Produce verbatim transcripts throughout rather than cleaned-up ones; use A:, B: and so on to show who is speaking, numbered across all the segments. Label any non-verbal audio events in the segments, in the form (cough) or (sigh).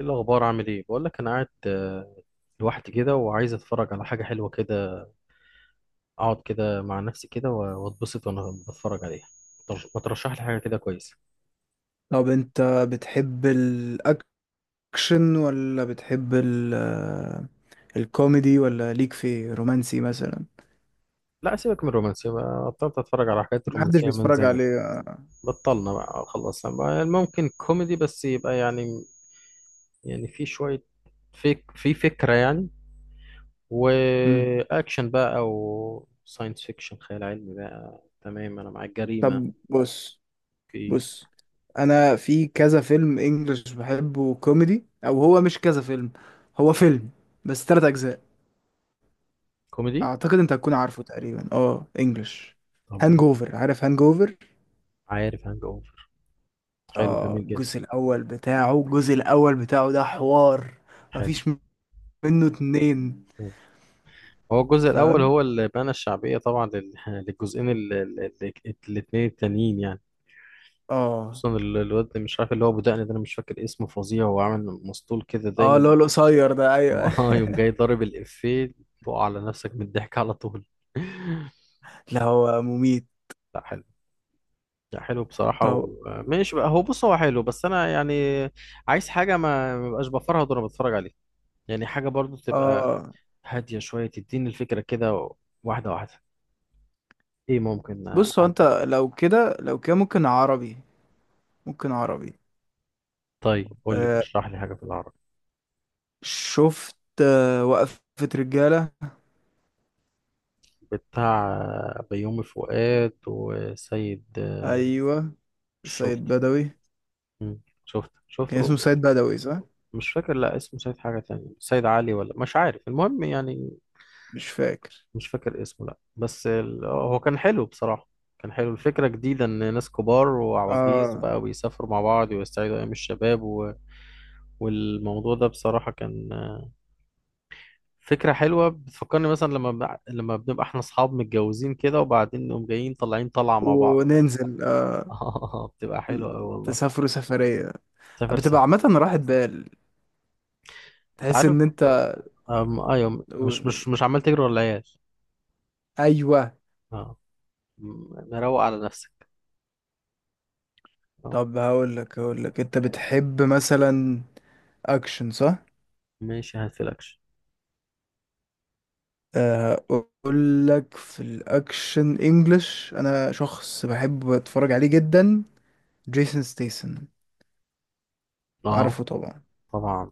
A: ايه الاخبار؟ عامل ايه؟ بقول لك انا قاعد آه، لوحدي كده وعايز اتفرج على حاجه حلوه كده، اقعد كده مع نفسي كده و- واتبسط وانا بتفرج عليها. طب ما ترشح لي حاجه كده كويسه.
B: طب انت بتحب الاكشن، ولا بتحب ال آه، الكوميدي، ولا ليك في رومانسي مثلا؟
A: لا، سيبك من الرومانسيه بقى، بطلت اتفرج على حاجات
B: محدش
A: الرومانسيه من
B: بيتفرج
A: زمان.
B: عليه.
A: بطلنا بقى، خلصنا بقى. ممكن كوميدي بس يبقى يعني، يعني في شويه، فيك في فكره يعني،
B: امم
A: واكشن بقى او ساينس فيكشن، خيال علمي بقى. تمام، انا معاك. جريمه.
B: طب بص.
A: اوكي.
B: بص، انا في كذا فيلم انجلش بحبه كوميدي، او هو مش كذا فيلم، هو فيلم بس تلات اجزاء.
A: كوميدي.
B: اعتقد انت هتكون عارفه تقريبا، اه انجلش.
A: طب قول.
B: هانجوفر، عارف هانجوفر؟
A: عارف هانج اوفر، حلو،
B: اه،
A: جميل جدا.
B: الجزء الاول بتاعه، الجزء الاول بتاعه ده حوار،
A: حلو.
B: مفيش منه اتنين.
A: مم. هو الجزء الأول
B: فاهم؟
A: هو اللي بنى الشعبية طبعا لل- (laughs) للجزئين ال- ال- ال- الاتنين التانيين يعني.
B: اه.
A: خصوصا ال- الواد اللي مش عارف، اللي هو أبو دقن ده، أنا مش فاكر اسمه، فظيع وعامل مسطول كده
B: اه،
A: دايما.
B: اللي هو القصير ده،
A: (laughs)
B: ايوه.
A: اه، يوم جاي
B: (laughs)
A: ضارب الإفيه تقع على نفسك من الضحك على طول. (laughs)
B: لا، هو مميت.
A: لا حلو، لا حلو بصراحة.
B: طب.
A: وماشي بقى، هو بص، هو حلو بس أنا يعني عايز حاجة ما ما بقاش بفرهد وأنا بتفرج عليه. يعني حاجة برضو تبقى
B: اه
A: هادية شوية، تديني الفكرة كده، واحدة واحدة. ايه، ممكن آه،
B: بص، هو انت
A: عندك؟
B: لو كده، لو كده ممكن عربي، ممكن عربي.
A: طيب قول لي،
B: آه
A: اشرح لي حاجة في العربي.
B: شفت، آه وقفة رجالة.
A: بتاع آه، بيومي فؤاد وسيد آه،
B: ايوه، سيد
A: شفته.
B: بدوي.
A: مم، شفته شفته.
B: كان اسمه سيد بدوي صح؟
A: مش فاكر، لا، اسمه سيد حاجة تانية، سيد علي ولا مش عارف، المهم يعني.
B: مش فاكر.
A: مش فاكر اسمه، لا، بس ال- هو كان حلو بصراحة. كان حلو، الفكرة جديدة، إن ناس كبار وعواجيز
B: اه،
A: بقى بيسافروا مع بعض ويستعيدوا أيام الشباب و... والموضوع ده بصراحة كان فكرة حلوة، بتفكرني مثلا لما بع- لما بنبقى احنا اصحاب متجوزين كده وبعدين نقوم جايين طالعين طلعة مع بعض.
B: وننزل
A: (laughs)
B: آه
A: اه، بتبقى حلوة أوي والله.
B: تسافروا سفرية.
A: سافر
B: بتبقى عامة
A: سفرية،
B: راحة بال،
A: انت
B: تحس
A: عارف.
B: ان انت.
A: أم... ايوه، مش مش مش عمال تجري ورا العيال.
B: ايوه.
A: اه. م- مروق على نفسك. اه.
B: طب، هقول لك هقول لك انت بتحب مثلا اكشن، صح؟
A: ماشي، هاتفلكش.
B: آه، اقول لك في الاكشن انجلش، انا شخص بحب اتفرج عليه جدا. جيسون ستيسن،
A: اه،
B: عارفه طبعا.
A: طبعا.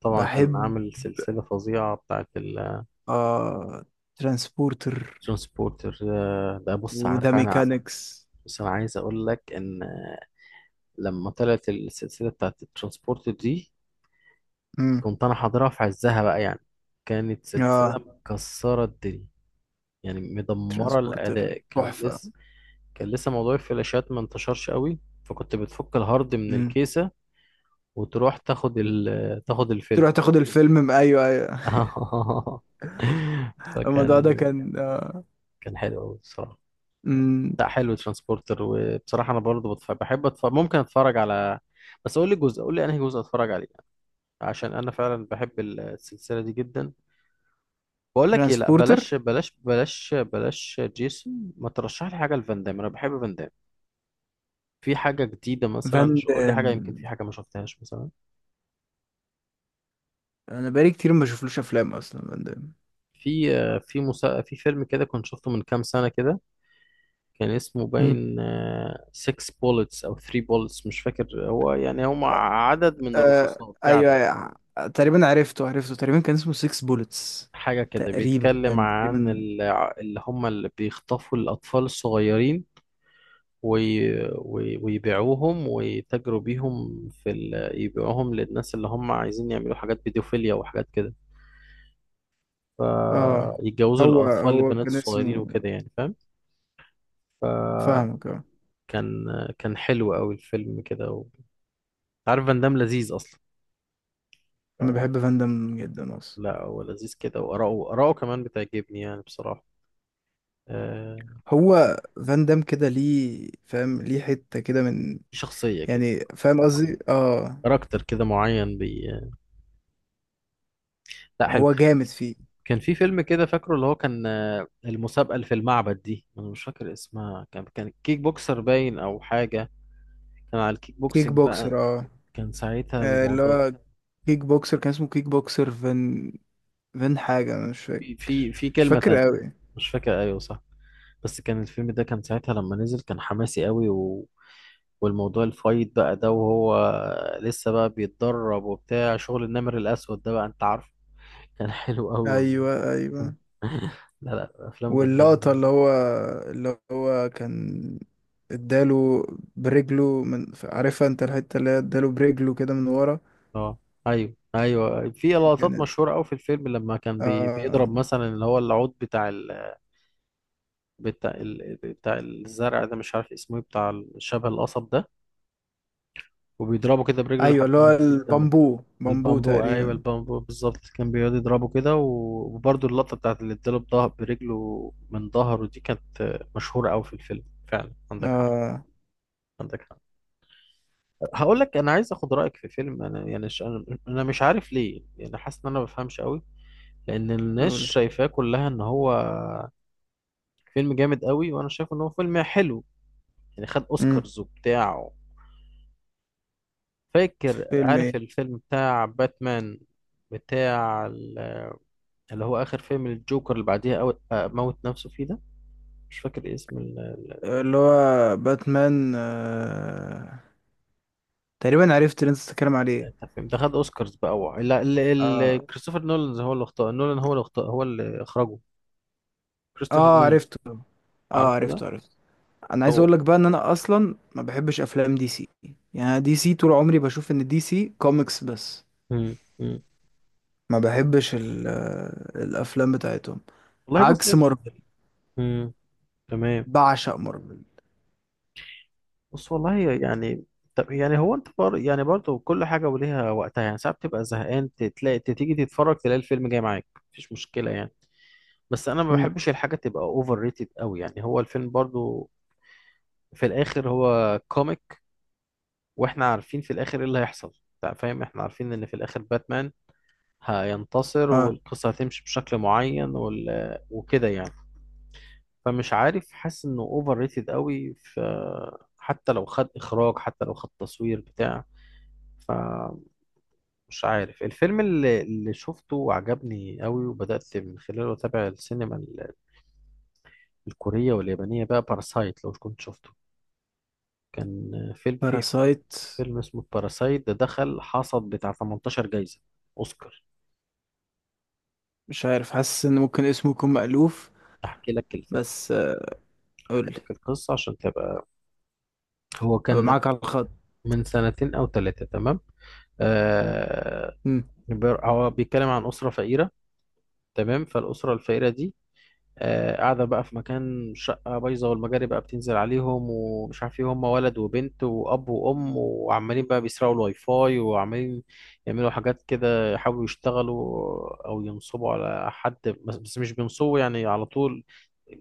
A: طبعا كان
B: بحب.
A: عامل سلسلة فظيعة بتاعت الجون.
B: آه ترانسبورتر،
A: سبورتر. ده بص،
B: وذا
A: عارف انا،
B: ميكانكس.
A: بس انا عايز اقول لك ان لما طلعت السلسلة بتاعت الترانسبورتر دي،
B: امم
A: كنت انا حاضرها في عزها بقى يعني، كانت سلسله
B: اه،
A: مكسره الدنيا يعني، مدمره.
B: ترانسبورتر
A: الاداء كان
B: تحفة.
A: لسه، كان لسه موضوع الفلاشات ما انتشرش قوي، فكنت بتفك الهارد من
B: امم
A: الكيسه وتروح تاخد ال... تاخد الفيلم.
B: تروح تاخد الفيلم، ايوه ايوه.
A: (laughs)
B: (laughs) الموضوع
A: فكان،
B: ده كان آه.
A: كان حلو قوي بصراحه.
B: امم
A: لا حلو ترانسبورتر، وبصراحه انا برضو بتف... بحب أتف... ممكن اتفرج على، بس قول لي جزء، قول لي انهي جزء اتفرج عليه، عشان انا فعلا بحب السلسله دي جدا. بقول لك ايه، لا بلاش
B: ترانسبورتر.
A: بلاش بلاش بلاش جيسون، ما ترشح لي حاجه لفان دام، انا بحب فان دام. في حاجه جديده مثلا؟
B: فان
A: ش- قول لي
B: دام،
A: حاجه، يمكن في حاجه ما شفتهاش مثلا.
B: انا بقالي كتير ما بشوفلوش افلام اصلا، فان
A: في آه، في مسا... في فيلم كده كنت شفته من كام سنه كده، كان اسمه
B: دام.
A: باين ستة بولتس او تلاته بولتس، مش فاكر، هو يعني هم عدد من
B: آه
A: الرصاصات في
B: ايوه،
A: عدد.
B: أيوة. تقريبا عرفته عرفته، تقريبا كان اسمه ست بولتس.
A: حاجه كده
B: تقريبا
A: بيتكلم عن
B: تقريبا.
A: ال- اللي هم اللي بيخطفوا الاطفال الصغيرين وي... وي... ويبيعوهم، ويتاجروا بيهم في ال... يبيعوهم للناس اللي هم عايزين يعملوا حاجات بيدوفيليا وحاجات كده،
B: اه،
A: فيتجوزوا
B: هو
A: الأطفال
B: هو
A: البنات
B: كان
A: الصغيرين
B: اسمه.
A: وكده، يعني فاهم. فكان،
B: فاهمك، اه.
A: كان حلو قوي الفيلم كده و... عارف فان دام لذيذ أصلا، ف...
B: انا بحب فاندم جدا اصلا.
A: لا هو لذيذ كده، وآراءه، آراءه كمان بتعجبني يعني بصراحة. آه...
B: هو فاندم كده ليه، فاهم ليه؟ حتة كده من،
A: شخصية كده
B: يعني فاهم
A: معينة،
B: قصدي؟ اه.
A: كاركتر كده معين بي... لا حلو.
B: هو جامد فيه.
A: كان في فيلم كده فاكره، اللي هو كان آه، المسابقة اللي في المعبد دي، انا مش فاكر اسمها، كان كان كيك بوكسر باين او حاجة، كان على الكيك
B: كيك
A: بوكسنج
B: بوكسر،
A: بقى،
B: اه.
A: كان ساعتها
B: آه، اللي
A: الموضوع.
B: هو كيك بوكسر، كان اسمه كيك بوكسر فان. فان حاجة، انا مش
A: في في
B: فاكر،
A: في
B: مش
A: كلمة
B: فاكر
A: تانية
B: قوي.
A: مش فاكر، ايوه صح، بس كان الفيلم ده كان ساعتها لما نزل كان حماسي قوي و... والموضوع الفايت بقى ده، وهو لسه بقى بيتدرب وبتاع شغل النمر الأسود ده بقى، انت عارف. (laughs) كان حلو قوي والله.
B: ايوه ايوه.
A: (laughs) لا لا، افلام فان
B: واللقطة
A: دام.
B: اللي هو اللي هو كان اداله برجله، من عارفها انت الحتة اللي هي اداله برجله كده من ورا.
A: اه، ايوه ايوه، في لقطات
B: كانت.
A: مشهوره قوي في الفيلم، لما كان بي
B: آه
A: بيضرب مثلا اللي هو العود بتاع ال... بتاع ال... بتاع الزرع ده، مش عارف اسمه ايه، بتاع شبه القصب ده، وبيضربه كده برجله
B: ايوه،
A: لحد
B: اللي
A: ما
B: هو
A: تجيب دم.
B: البامبو بامبو
A: بالبامبو، ايوه
B: تقريبا.
A: البامبو بالظبط، كان بيقعد يضربه كده و- وبرضه اللقطه بتاعت اللي اداله بظهر برجله من ظهره دي، كانت مشهوره قوي في الفيلم فعلا. عندك حق،
B: اه.
A: عندك حق. هقول لك، انا عايز اخد رايك في فيلم، انا يعني ش... انا أنا مش عارف ليه، يعني حاسس ان انا ما بفهمش قوي، لان الناس
B: قول.
A: شايفاه كلها ان هو فيلم جامد قوي، وانا شايف ان هو فيلم حلو يعني، خد
B: امم
A: اوسكارز وبتاع. فاكر،
B: فيلم
A: عارف
B: ايه؟
A: الفيلم بتاع باتمان، بتاع ال- اللي هو اخر فيلم الجوكر اللي بعديها أو آه، موت نفسه فيه ده، مش فاكر اسم ال- ال-
B: اللي هو باتمان آه... تقريبا عرفت اللي انت بتتكلم عليه.
A: ال- الفيلم ده. خد اوسكارز بقى، هو لا ال-
B: اه.
A: ال- كريستوفر نولان هو اللي اختار، نولان هو اللي اختار، هو اللي اخرجه، كريستوفر
B: اه،
A: نولان،
B: عرفته. اه،
A: عارفه
B: عرفته
A: ده.
B: عرفته. انا عايز
A: هو.
B: اقول لك بقى ان انا اصلا ما بحبش افلام دي سي. يعني أنا دي سي طول عمري بشوف ان دي سي كوميكس بس.
A: مم. مم.
B: ما بحبش ال- آه، الافلام بتاعتهم.
A: والله بص.
B: عكس مارفل.
A: مم. تمام.
B: بعشق مارفل.
A: بص والله يعني، طب يعني هو انت بر... يعني برضه كل حاجه وليها وقتها، يعني ساعات بتبقى زهقان تلاقي تيجي تتفرج تلاقي الفيلم جاي معاك، مفيش مشكله يعني، بس انا ما
B: مم.
A: بحبش الحاجه تبقى اوفر ريتد قوي. يعني هو الفيلم برضه في الاخر هو كوميك، واحنا عارفين في الاخر ايه اللي هيحصل، انت فاهم. احنا عارفين ان في الاخر باتمان هينتصر،
B: اه،
A: والقصه هتمشي بشكل معين وال... وكده يعني. فمش عارف، حاسس انه اوفر ريتد قوي ف... حتى لو خد اخراج، حتى لو خد تصوير بتاع، فمش عارف. الفيلم اللي, اللي شفته وعجبني قوي وبدأت من خلاله أتابع السينما ال- الكورية واليابانية بقى، باراسايت، لو كنت شفته. كان فيلم، في
B: باراسايت.
A: في فيلم اسمه باراسايت، ده دخل حصد بتاع تمنتاشر جايزة أوسكار.
B: مش عارف، حاسس ان ممكن اسمه يكون مألوف.
A: أحكي لك الفيلم،
B: بس، آه، قول
A: أحكي
B: لي.
A: لك القصة عشان تبقى. هو
B: هبقى
A: كان
B: معاك على الخط.
A: من سنتين أو ثلاثة، تمام. آه.
B: مم.
A: بير- هو بيتكلم عن أسرة فقيرة، تمام. فالأسرة الفقيرة دي آه، قاعدة بقى في مكان، شقة بايظة، والمجاري بقى بتنزل عليهم ومش عارف ايه. هما ولد وبنت وأب وأم، وعمالين بقى بيسرقوا الواي فاي، وعمالين يعملوا حاجات كده يحاولوا يشتغلوا أو ينصبوا على حد، بس بس مش بينصبوا يعني على طول،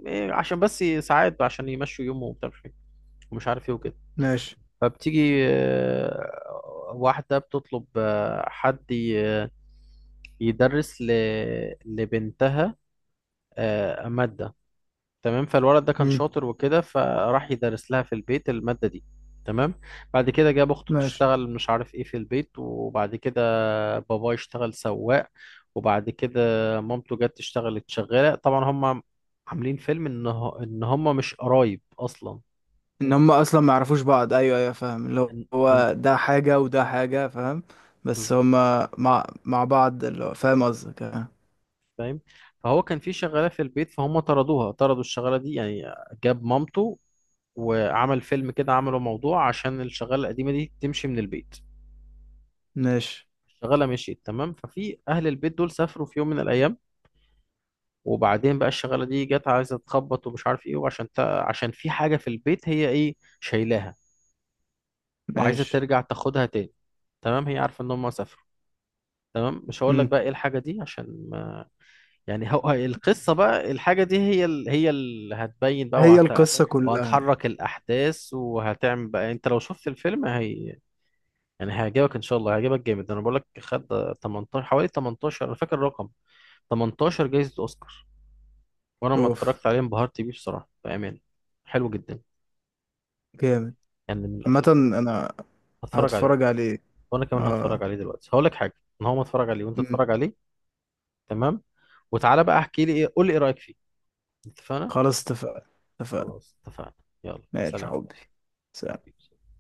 A: إيه، عشان بس ساعات عشان يمشوا يومهم وبتاع مش عارف إيه ومش عارف ايه وكده.
B: ماشي.
A: فبتيجي آه، واحدة بتطلب آه، حد ي- يدرس ل- لبنتها آه، مادة، تمام. فالولد ده كان
B: مم.
A: شاطر وكده، فراح يدرس لها في البيت المادة دي. تمام. بعد كده جاب اخته
B: ماشي.
A: تشتغل مش عارف ايه في البيت، وبعد كده باباه يشتغل سواق، وبعد كده مامته جت تشتغلت شغالة. طبعا هم عاملين فيلم ان هو- ان هم مش قرايب اصلا.
B: ان هم اصلا ما يعرفوش بعض، ايوه ايوه، فاهم، اللي
A: إن... إن...
B: هو ده حاجه وده حاجه، فاهم. بس
A: بز-
B: هم مع مع بعض، اللي هو فاهم قصدك، آه.
A: فاهم. فهو كان في شغالة في البيت، فهم طردوها، طردوا الشغالة دي يعني، جاب مامته وعمل فيلم كده، عملوا موضوع عشان الشغالة القديمة دي تمشي من البيت.
B: ماشي
A: الشغاله مشيت، تمام. ففي اهل البيت دول سافروا في يوم من الايام، وبعدين بقى الشغاله دي جت عايزه تخبط ومش عارف ايه، وعشان تا... عشان في حاجه في البيت هي ايه، شايلاها وعايزه
B: ماشي.
A: ترجع تاخدها تاني. تمام. هي عارفه ان هم سافروا، تمام. مش هقول لك
B: مم.
A: بقى ايه الحاجه دي عشان ما... (laughs) يعني هو القصه بقى، الحاجه دي هي ال... هي اللي هتبين بقى،
B: هي
A: وهت...
B: القصة كلها.
A: وهتحرك الاحداث وهتعمل بقى يعني. انت لو شفت الفيلم هي يعني هيعجبك ان شاء الله، هيعجبك جامد. انا بقول لك، خد تمنتاشر، حوالي تمنتاشر، انا فاكر الرقم تمنتاشر جايزة أوسكار. وأنا لما
B: اوف.
A: اتفرجت عليه انبهرت بيه بصراحة، بأمان، حلو جدا،
B: جامد.
A: يعني من
B: عامة،
A: الأفلام.
B: انا
A: هتفرج عليه.
B: هتفرج عليه.
A: وأنا كمان هتفرج
B: اه.
A: عليه دلوقتي، هقول لك حاجة، إن هو ما اتفرج عليه وأنت
B: مم.
A: اتفرج عليه، تمام، وتعالى بقى احكي لي إيه، قول لي إيه رأيك فيه. اتفقنا؟
B: خلاص اتفقنا، اتفقنا.
A: خلاص اتفقنا. يلا
B: ماشي يا
A: سلام.
B: حبي. سلام.
A: حبيبي.